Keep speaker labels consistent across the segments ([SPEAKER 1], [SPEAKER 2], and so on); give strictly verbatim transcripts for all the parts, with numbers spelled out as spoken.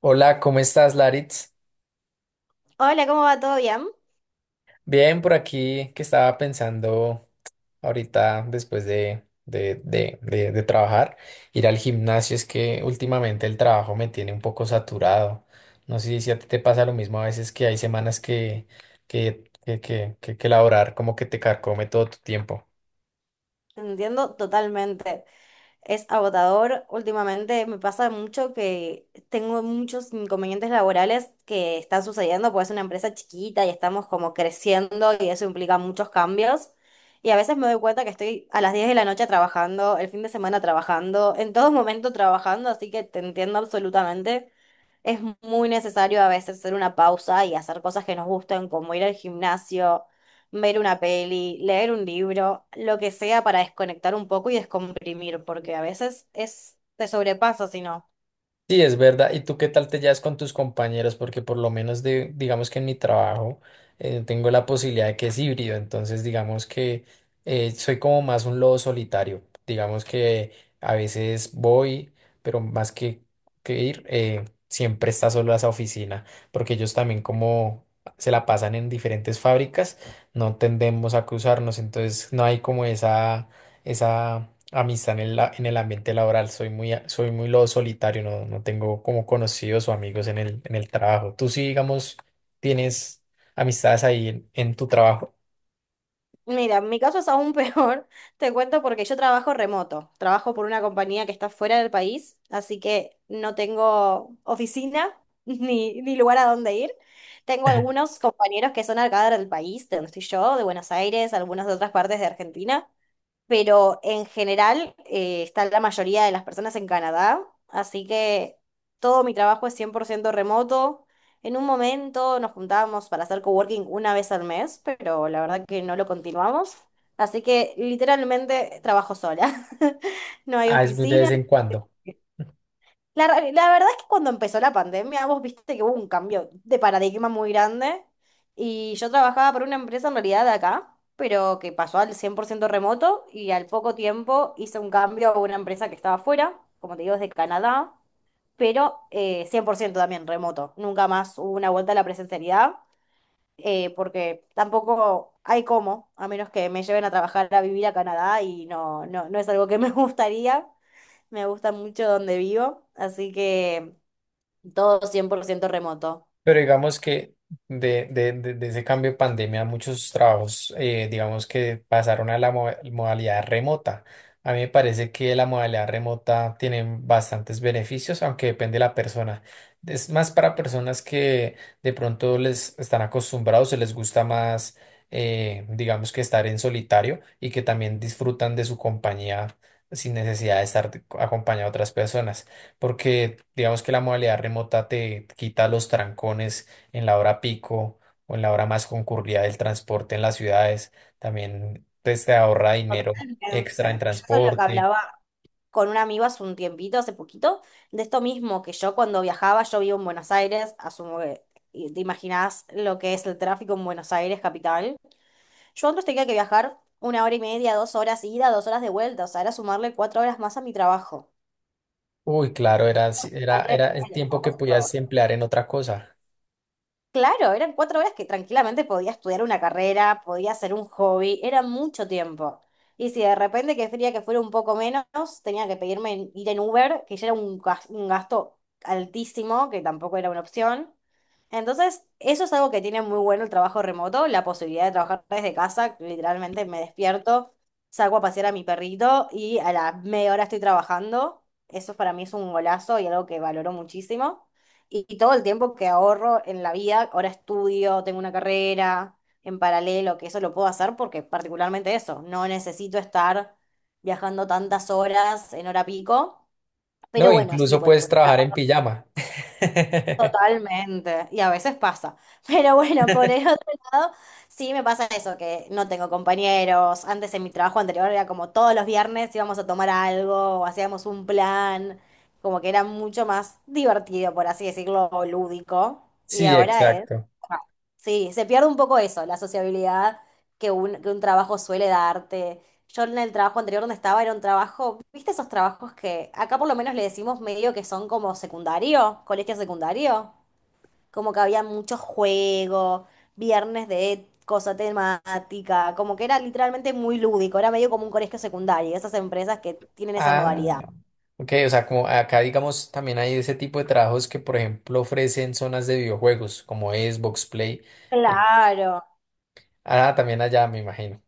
[SPEAKER 1] Hola, ¿cómo estás, Laritz?
[SPEAKER 2] Hola, ¿cómo va? ¿Todo bien?
[SPEAKER 1] Bien, por aquí que estaba pensando ahorita después de, de, de, de, de trabajar, ir al gimnasio, es que últimamente el trabajo me tiene un poco saturado. No sé si a ti te pasa lo mismo a veces que hay semanas que, que, que, que, que, que laborar como que te carcome todo tu tiempo.
[SPEAKER 2] Te entiendo totalmente. Es agotador. Últimamente me pasa mucho que tengo muchos inconvenientes laborales que están sucediendo, porque es una empresa chiquita y estamos como creciendo y eso implica muchos cambios. Y a veces me doy cuenta que estoy a las diez de la noche trabajando, el fin de semana trabajando, en todo momento trabajando, así que te entiendo absolutamente. Es muy necesario a veces hacer una pausa y hacer cosas que nos gusten, como ir al gimnasio, ver una peli, leer un libro, lo que sea para desconectar un poco y descomprimir, porque a veces es, te sobrepasa si no.
[SPEAKER 1] Sí, es verdad. ¿Y tú qué tal te llevas con tus compañeros? Porque por lo menos de, digamos que en mi trabajo eh, tengo la posibilidad de que es híbrido, entonces digamos que eh, soy como más un lobo solitario. Digamos que a veces voy, pero más que, que ir, eh, siempre está solo esa oficina, porque ellos también como se la pasan en diferentes fábricas, no tendemos a cruzarnos, entonces no hay como esa, esa amistad en el, la- en el ambiente laboral. Soy muy, a- soy muy lo solitario, no, no tengo como conocidos o amigos en el, en el trabajo. Tú sí, digamos, tienes amistades ahí en, en tu trabajo.
[SPEAKER 2] Mira, mi caso es aún peor, te cuento porque yo trabajo remoto, trabajo por una compañía que está fuera del país, así que no tengo oficina ni, ni lugar a dónde ir. Tengo algunos compañeros que son acá del país, de donde estoy yo, de Buenos Aires, algunos de otras partes de Argentina, pero en general eh, está la mayoría de las personas en Canadá, así que todo mi trabajo es cien por ciento remoto. En un momento nos juntábamos para hacer coworking una vez al mes, pero la verdad que no lo continuamos. Así que literalmente trabajo sola. No hay
[SPEAKER 1] Ah, es muy de vez
[SPEAKER 2] oficina,
[SPEAKER 1] en cuando.
[SPEAKER 2] la, ra- la verdad es que cuando empezó la pandemia, vos viste que hubo un cambio de paradigma muy grande y yo trabajaba para una empresa en realidad de acá, pero que pasó al cien por ciento remoto y al poco tiempo hice un cambio a una empresa que estaba afuera, como te digo, desde Canadá, pero eh, cien por ciento también remoto. Nunca más hubo una vuelta a la presencialidad, eh, porque tampoco hay cómo, a menos que me lleven a trabajar a vivir a Canadá y no, no, no es algo que me gustaría. Me gusta mucho donde vivo, así que. Todo cien por ciento remoto.
[SPEAKER 1] Pero digamos que de, de- de- de ese cambio de pandemia, muchos trabajos, eh, digamos que pasaron a la mo- modalidad remota. A mí me parece que la modalidad remota tiene bastantes beneficios, aunque depende de la persona. Es más para personas que de pronto les están acostumbrados, se les gusta más, eh, digamos que estar en solitario y que también disfrutan de su compañía sin necesidad de estar acompañado de otras personas porque digamos que la modalidad remota te quita los trancones en la hora pico o en la hora más concurrida del transporte en las ciudades, también pues, te ahorra dinero
[SPEAKER 2] Totalmente. Yo
[SPEAKER 1] extra en
[SPEAKER 2] eso es lo que
[SPEAKER 1] transporte.
[SPEAKER 2] hablaba. Con un amigo hace un tiempito, hace poquito, de esto mismo, que yo cuando viajaba, yo vivo en Buenos Aires, asumo que y te imaginás lo que es el tráfico en Buenos Aires, capital. Yo antes tenía que viajar una hora y media, dos horas ida, dos horas de vuelta, o sea, era sumarle cuatro horas más a mi trabajo.
[SPEAKER 1] Uy, claro, era, si, era, era
[SPEAKER 2] Sumarle
[SPEAKER 1] el
[SPEAKER 2] el
[SPEAKER 1] tiempo que
[SPEAKER 2] costo.
[SPEAKER 1] podías emplear en otra cosa.
[SPEAKER 2] Claro, eran cuatro horas que tranquilamente podía estudiar una carrera, podía hacer un hobby, era mucho tiempo. Y si de repente quería que fuera un poco menos, tenía que pedirme en- ir en Uber, que ya era un gas- un gasto altísimo, que tampoco era una opción. Entonces, eso es algo que tiene muy bueno el trabajo remoto, la posibilidad de trabajar desde casa. Literalmente me despierto, salgo a pasear a mi perrito y a la media hora estoy trabajando. Eso para mí es un golazo y algo que valoro muchísimo. Y, y todo el tiempo que ahorro en la vida, ahora estudio, tengo una carrera en paralelo, que eso lo puedo hacer porque particularmente eso, no necesito estar viajando tantas horas en hora pico. Pero
[SPEAKER 1] No,
[SPEAKER 2] bueno, sí,
[SPEAKER 1] incluso
[SPEAKER 2] por.
[SPEAKER 1] puedes trabajar en pijama.
[SPEAKER 2] Totalmente, y a veces pasa. Pero bueno, por el otro lado, sí me pasa eso, que no tengo compañeros. Antes en mi trabajo anterior era como todos los viernes íbamos a tomar algo, o hacíamos un plan, como que era mucho más divertido, por así decirlo, o lúdico. Y
[SPEAKER 1] Sí,
[SPEAKER 2] ahora es,
[SPEAKER 1] exacto.
[SPEAKER 2] ah, sí, se pierde un poco eso, la sociabilidad que un, que un trabajo suele darte. Yo en el trabajo anterior donde estaba era un trabajo, ¿viste esos trabajos que acá por lo menos le decimos medio que son como secundario, colegio secundario? Como que había muchos juegos, viernes de cosa temática, como que era literalmente muy lúdico, era medio como un colegio secundario, esas empresas que tienen esa
[SPEAKER 1] Ah,
[SPEAKER 2] modalidad.
[SPEAKER 1] no. Ok, o sea, como acá digamos también hay ese tipo de trabajos que por ejemplo ofrecen zonas de videojuegos como Xbox Play.
[SPEAKER 2] Claro,
[SPEAKER 1] Ah, también allá, me imagino.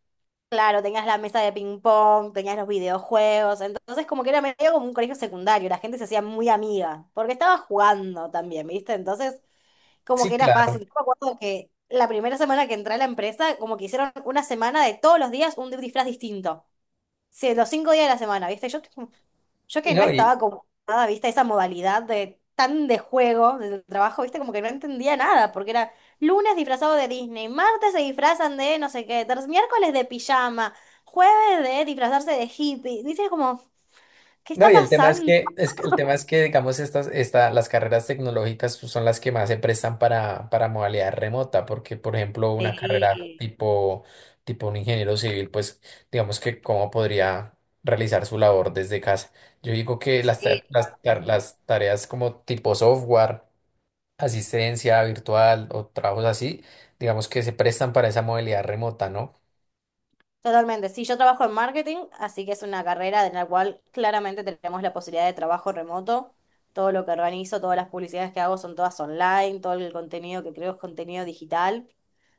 [SPEAKER 2] claro, tenías la mesa de ping pong, tenías los videojuegos, entonces como que era medio como un colegio secundario, la gente se hacía muy amiga, porque estaba jugando también, ¿viste? Entonces como que
[SPEAKER 1] Sí,
[SPEAKER 2] era fácil.
[SPEAKER 1] claro.
[SPEAKER 2] Yo me acuerdo que la primera semana que entré a la empresa, como que hicieron una semana de todos los días un disfraz distinto. Sí, los cinco días de la semana, ¿viste? Yo, yo
[SPEAKER 1] Y
[SPEAKER 2] que no
[SPEAKER 1] no, y
[SPEAKER 2] estaba como nada, ¿viste? Esa modalidad de tan de juego del trabajo, ¿viste? Como que no entendía nada, porque era lunes disfrazado de Disney, martes se disfrazan de no sé qué, ter- miércoles de pijama, jueves de disfrazarse de hippie. Dices como, ¿qué
[SPEAKER 1] no,
[SPEAKER 2] está
[SPEAKER 1] y el tema es
[SPEAKER 2] pasando?
[SPEAKER 1] que, es que- el tema es que, digamos, estas, esta, las carreras tecnológicas pues, son las que más se prestan para, para modalidad remota, porque, por ejemplo, una carrera
[SPEAKER 2] Sí,
[SPEAKER 1] tipo, tipo un ingeniero civil, pues, digamos que cómo podría realizar su labor desde casa. Yo digo que las, ta-
[SPEAKER 2] sí,
[SPEAKER 1] las, ta- las tareas como tipo software, asistencia virtual o trabajos así, digamos que se prestan para esa modalidad remota, ¿no?
[SPEAKER 2] totalmente. Sí, yo trabajo en marketing, así que es una carrera en la cual claramente tenemos la posibilidad de trabajo remoto. Todo lo que organizo, todas las publicidades que hago son todas online, todo el contenido que creo es contenido digital.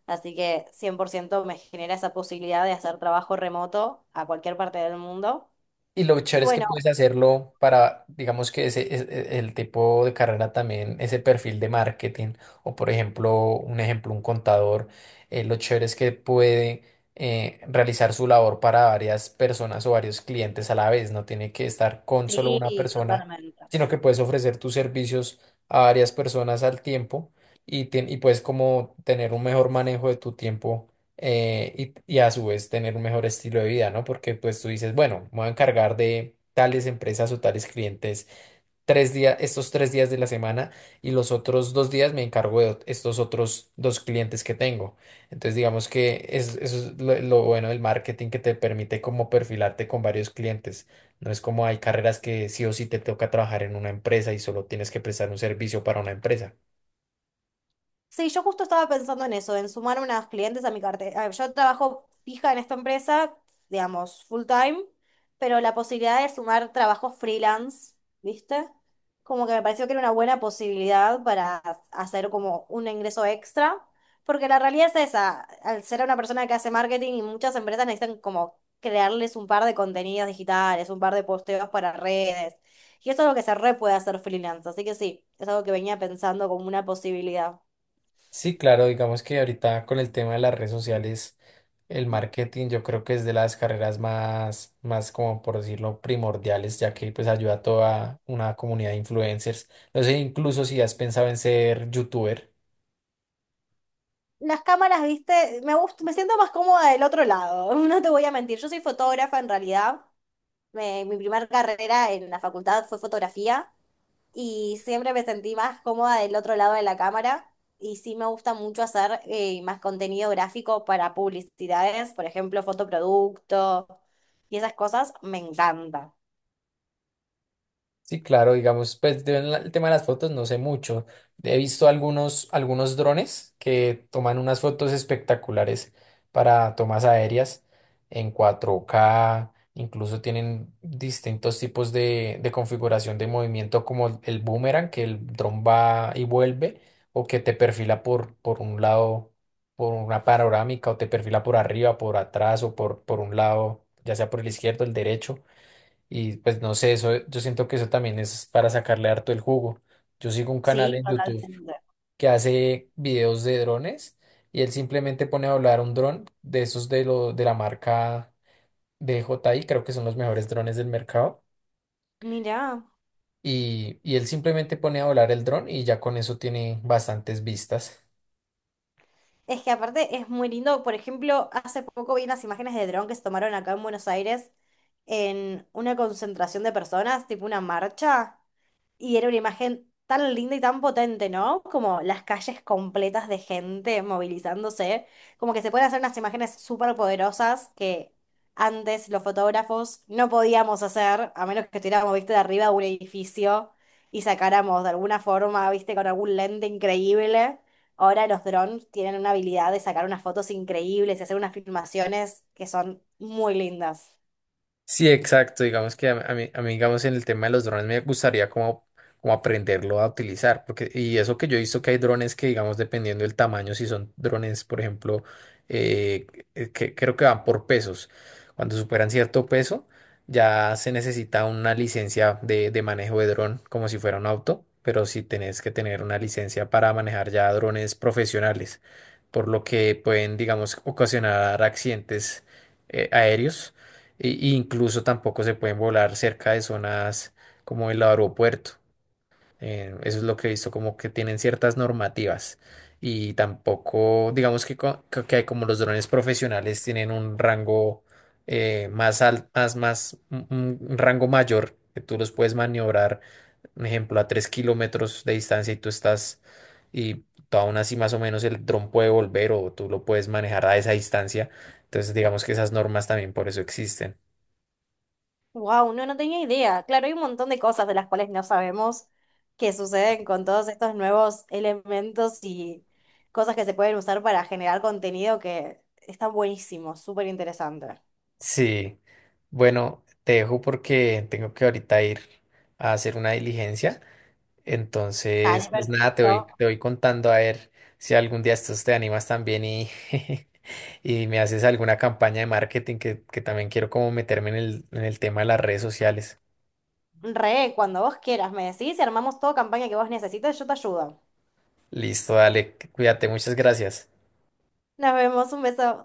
[SPEAKER 2] Así que cien por ciento me genera esa posibilidad de hacer trabajo remoto a cualquier parte del mundo.
[SPEAKER 1] Y lo
[SPEAKER 2] Y
[SPEAKER 1] chévere es que
[SPEAKER 2] bueno,
[SPEAKER 1] puedes hacerlo para, digamos que ese, es- e- el tipo de carrera también, ese perfil de marketing, o por ejemplo, un ejemplo, un contador, eh, lo chévere es que puede eh, realizar su labor para varias personas o varios clientes a la vez, no tiene que estar con solo una
[SPEAKER 2] sí,
[SPEAKER 1] persona,
[SPEAKER 2] totalmente.
[SPEAKER 1] sino que puedes ofrecer tus servicios a varias personas al tiempo y, tien- y puedes como tener un mejor manejo de tu tiempo eh, y, y a su vez tener un mejor estilo de vida, ¿no? Porque pues tú dices, bueno, me voy a encargar de tales empresas o tales clientes tres días, estos tres días de la semana y los otros dos días me encargo de ot- estos otros dos clientes que tengo. Entonces digamos que es- eso es lo, lo bueno del marketing que te permite como perfilarte con varios clientes. No es como hay carreras que sí o sí te toca trabajar en una empresa y solo tienes que prestar un servicio para una empresa.
[SPEAKER 2] Sí, yo justo estaba pensando en eso, en sumar unas clientes a mi cartera. Yo trabajo fija en esta empresa, digamos, full time, pero la posibilidad de sumar trabajos freelance, ¿viste? Como que me pareció que era una buena posibilidad para hacer como un ingreso extra, porque la realidad es esa, al ser una persona que hace marketing y muchas empresas necesitan como crearles un par de contenidos digitales, un par de posteos para redes, y eso es lo que se re puede hacer freelance, así que sí, es algo que venía pensando como una posibilidad.
[SPEAKER 1] Sí, claro, digamos que ahorita con el tema de las redes sociales, el marketing yo creo que es de las carreras más, más como por decirlo, primordiales, ya que pues ayuda a toda una comunidad de influencers. No sé, incluso si has pensado en ser youtuber.
[SPEAKER 2] Las cámaras, viste, me gust- me siento más cómoda del otro lado, no te voy a mentir. Yo soy fotógrafa en realidad. Me- mi primera carrera en la facultad fue fotografía y siempre me sentí más cómoda del otro lado de la cámara. Y sí me gusta mucho hacer eh, más contenido gráfico para publicidades, por ejemplo, fotoproducto y esas cosas me encanta.
[SPEAKER 1] Sí, claro, digamos, pues de la- el tema de las fotos no sé mucho. He visto algunos, algunos drones que toman unas fotos espectaculares para tomas aéreas en cuatro k incluso tienen distintos tipos de, de configuración de movimiento como el boomerang, que el dron va y vuelve, o que te perfila por, por un lado, por una panorámica, o te perfila por arriba, por atrás, o por, por un lado, ya sea por el izquierdo, el derecho. Y pues no sé, eso, yo siento que eso también es para sacarle harto el jugo. Yo sigo un canal
[SPEAKER 2] Sí,
[SPEAKER 1] en YouTube
[SPEAKER 2] totalmente.
[SPEAKER 1] que hace videos de drones y él simplemente pone a volar un dron de esos de, lo, de la marca D J I, creo que son los mejores drones del mercado.
[SPEAKER 2] Mirá.
[SPEAKER 1] Y, y él simplemente pone a volar el dron y ya con eso tiene bastantes vistas.
[SPEAKER 2] Es que aparte es muy lindo, por ejemplo, hace poco vi unas imágenes de dron que se tomaron acá en Buenos Aires en una concentración de personas, tipo una marcha. Y era una imagen tan linda y tan potente, ¿no? Como las calles completas de gente movilizándose. Como que se pueden hacer unas imágenes súper poderosas que antes los fotógrafos no podíamos hacer, a menos que estuviéramos, viste, de arriba de un edificio y sacáramos de alguna forma, viste, con algún lente increíble. Ahora los drones tienen una habilidad de sacar unas fotos increíbles y hacer unas filmaciones que son muy lindas.
[SPEAKER 1] Sí, exacto. Digamos que a, a mí, a mí, digamos, en el tema de los drones me gustaría como, como aprenderlo a utilizar. Porque, y eso que yo he visto que hay drones que, digamos, dependiendo del tamaño, si son drones, por ejemplo, eh, eh, que creo que van por pesos. Cuando superan cierto peso, ya se necesita una licencia de, de manejo de dron, como si fuera un auto. Pero sí tenés que tener una licencia para manejar ya drones profesionales, por lo que pueden, digamos, ocasionar accidentes eh, aéreos y, y incluso tampoco se pueden volar cerca de zonas como el aeropuerto. Eh, eso es lo que he visto, como que tienen ciertas normativas. Y tampoco, digamos que, co- que que hay como los drones profesionales tienen un rango eh, más alto, más, más, un, un- un rango mayor, que tú los puedes maniobrar, por ejemplo, a tres kilómetros de distancia y tú estás, y tú aún así más o menos el dron puede volver o tú lo puedes manejar a esa distancia. Entonces, digamos que esas normas también por eso existen.
[SPEAKER 2] Wow, no, no tenía idea. Claro, hay un montón de cosas de las cuales no sabemos que suceden con todos estos nuevos elementos y cosas que se pueden usar para generar contenido que están buenísimos, súper interesante.
[SPEAKER 1] Sí, bueno, te dejo porque tengo que ahorita ir a hacer una diligencia. Entonces,
[SPEAKER 2] Dale,
[SPEAKER 1] pues nada, te voy,
[SPEAKER 2] perfecto.
[SPEAKER 1] te voy contando a ver si algún día estos te animas también y, y me haces alguna campaña de marketing que, que también quiero como meterme en el, en el tema de las redes sociales.
[SPEAKER 2] Re, cuando vos quieras, me decís y armamos toda campaña que vos necesites, yo te ayudo.
[SPEAKER 1] Listo, dale, cuídate, muchas gracias.
[SPEAKER 2] Nos vemos, un beso.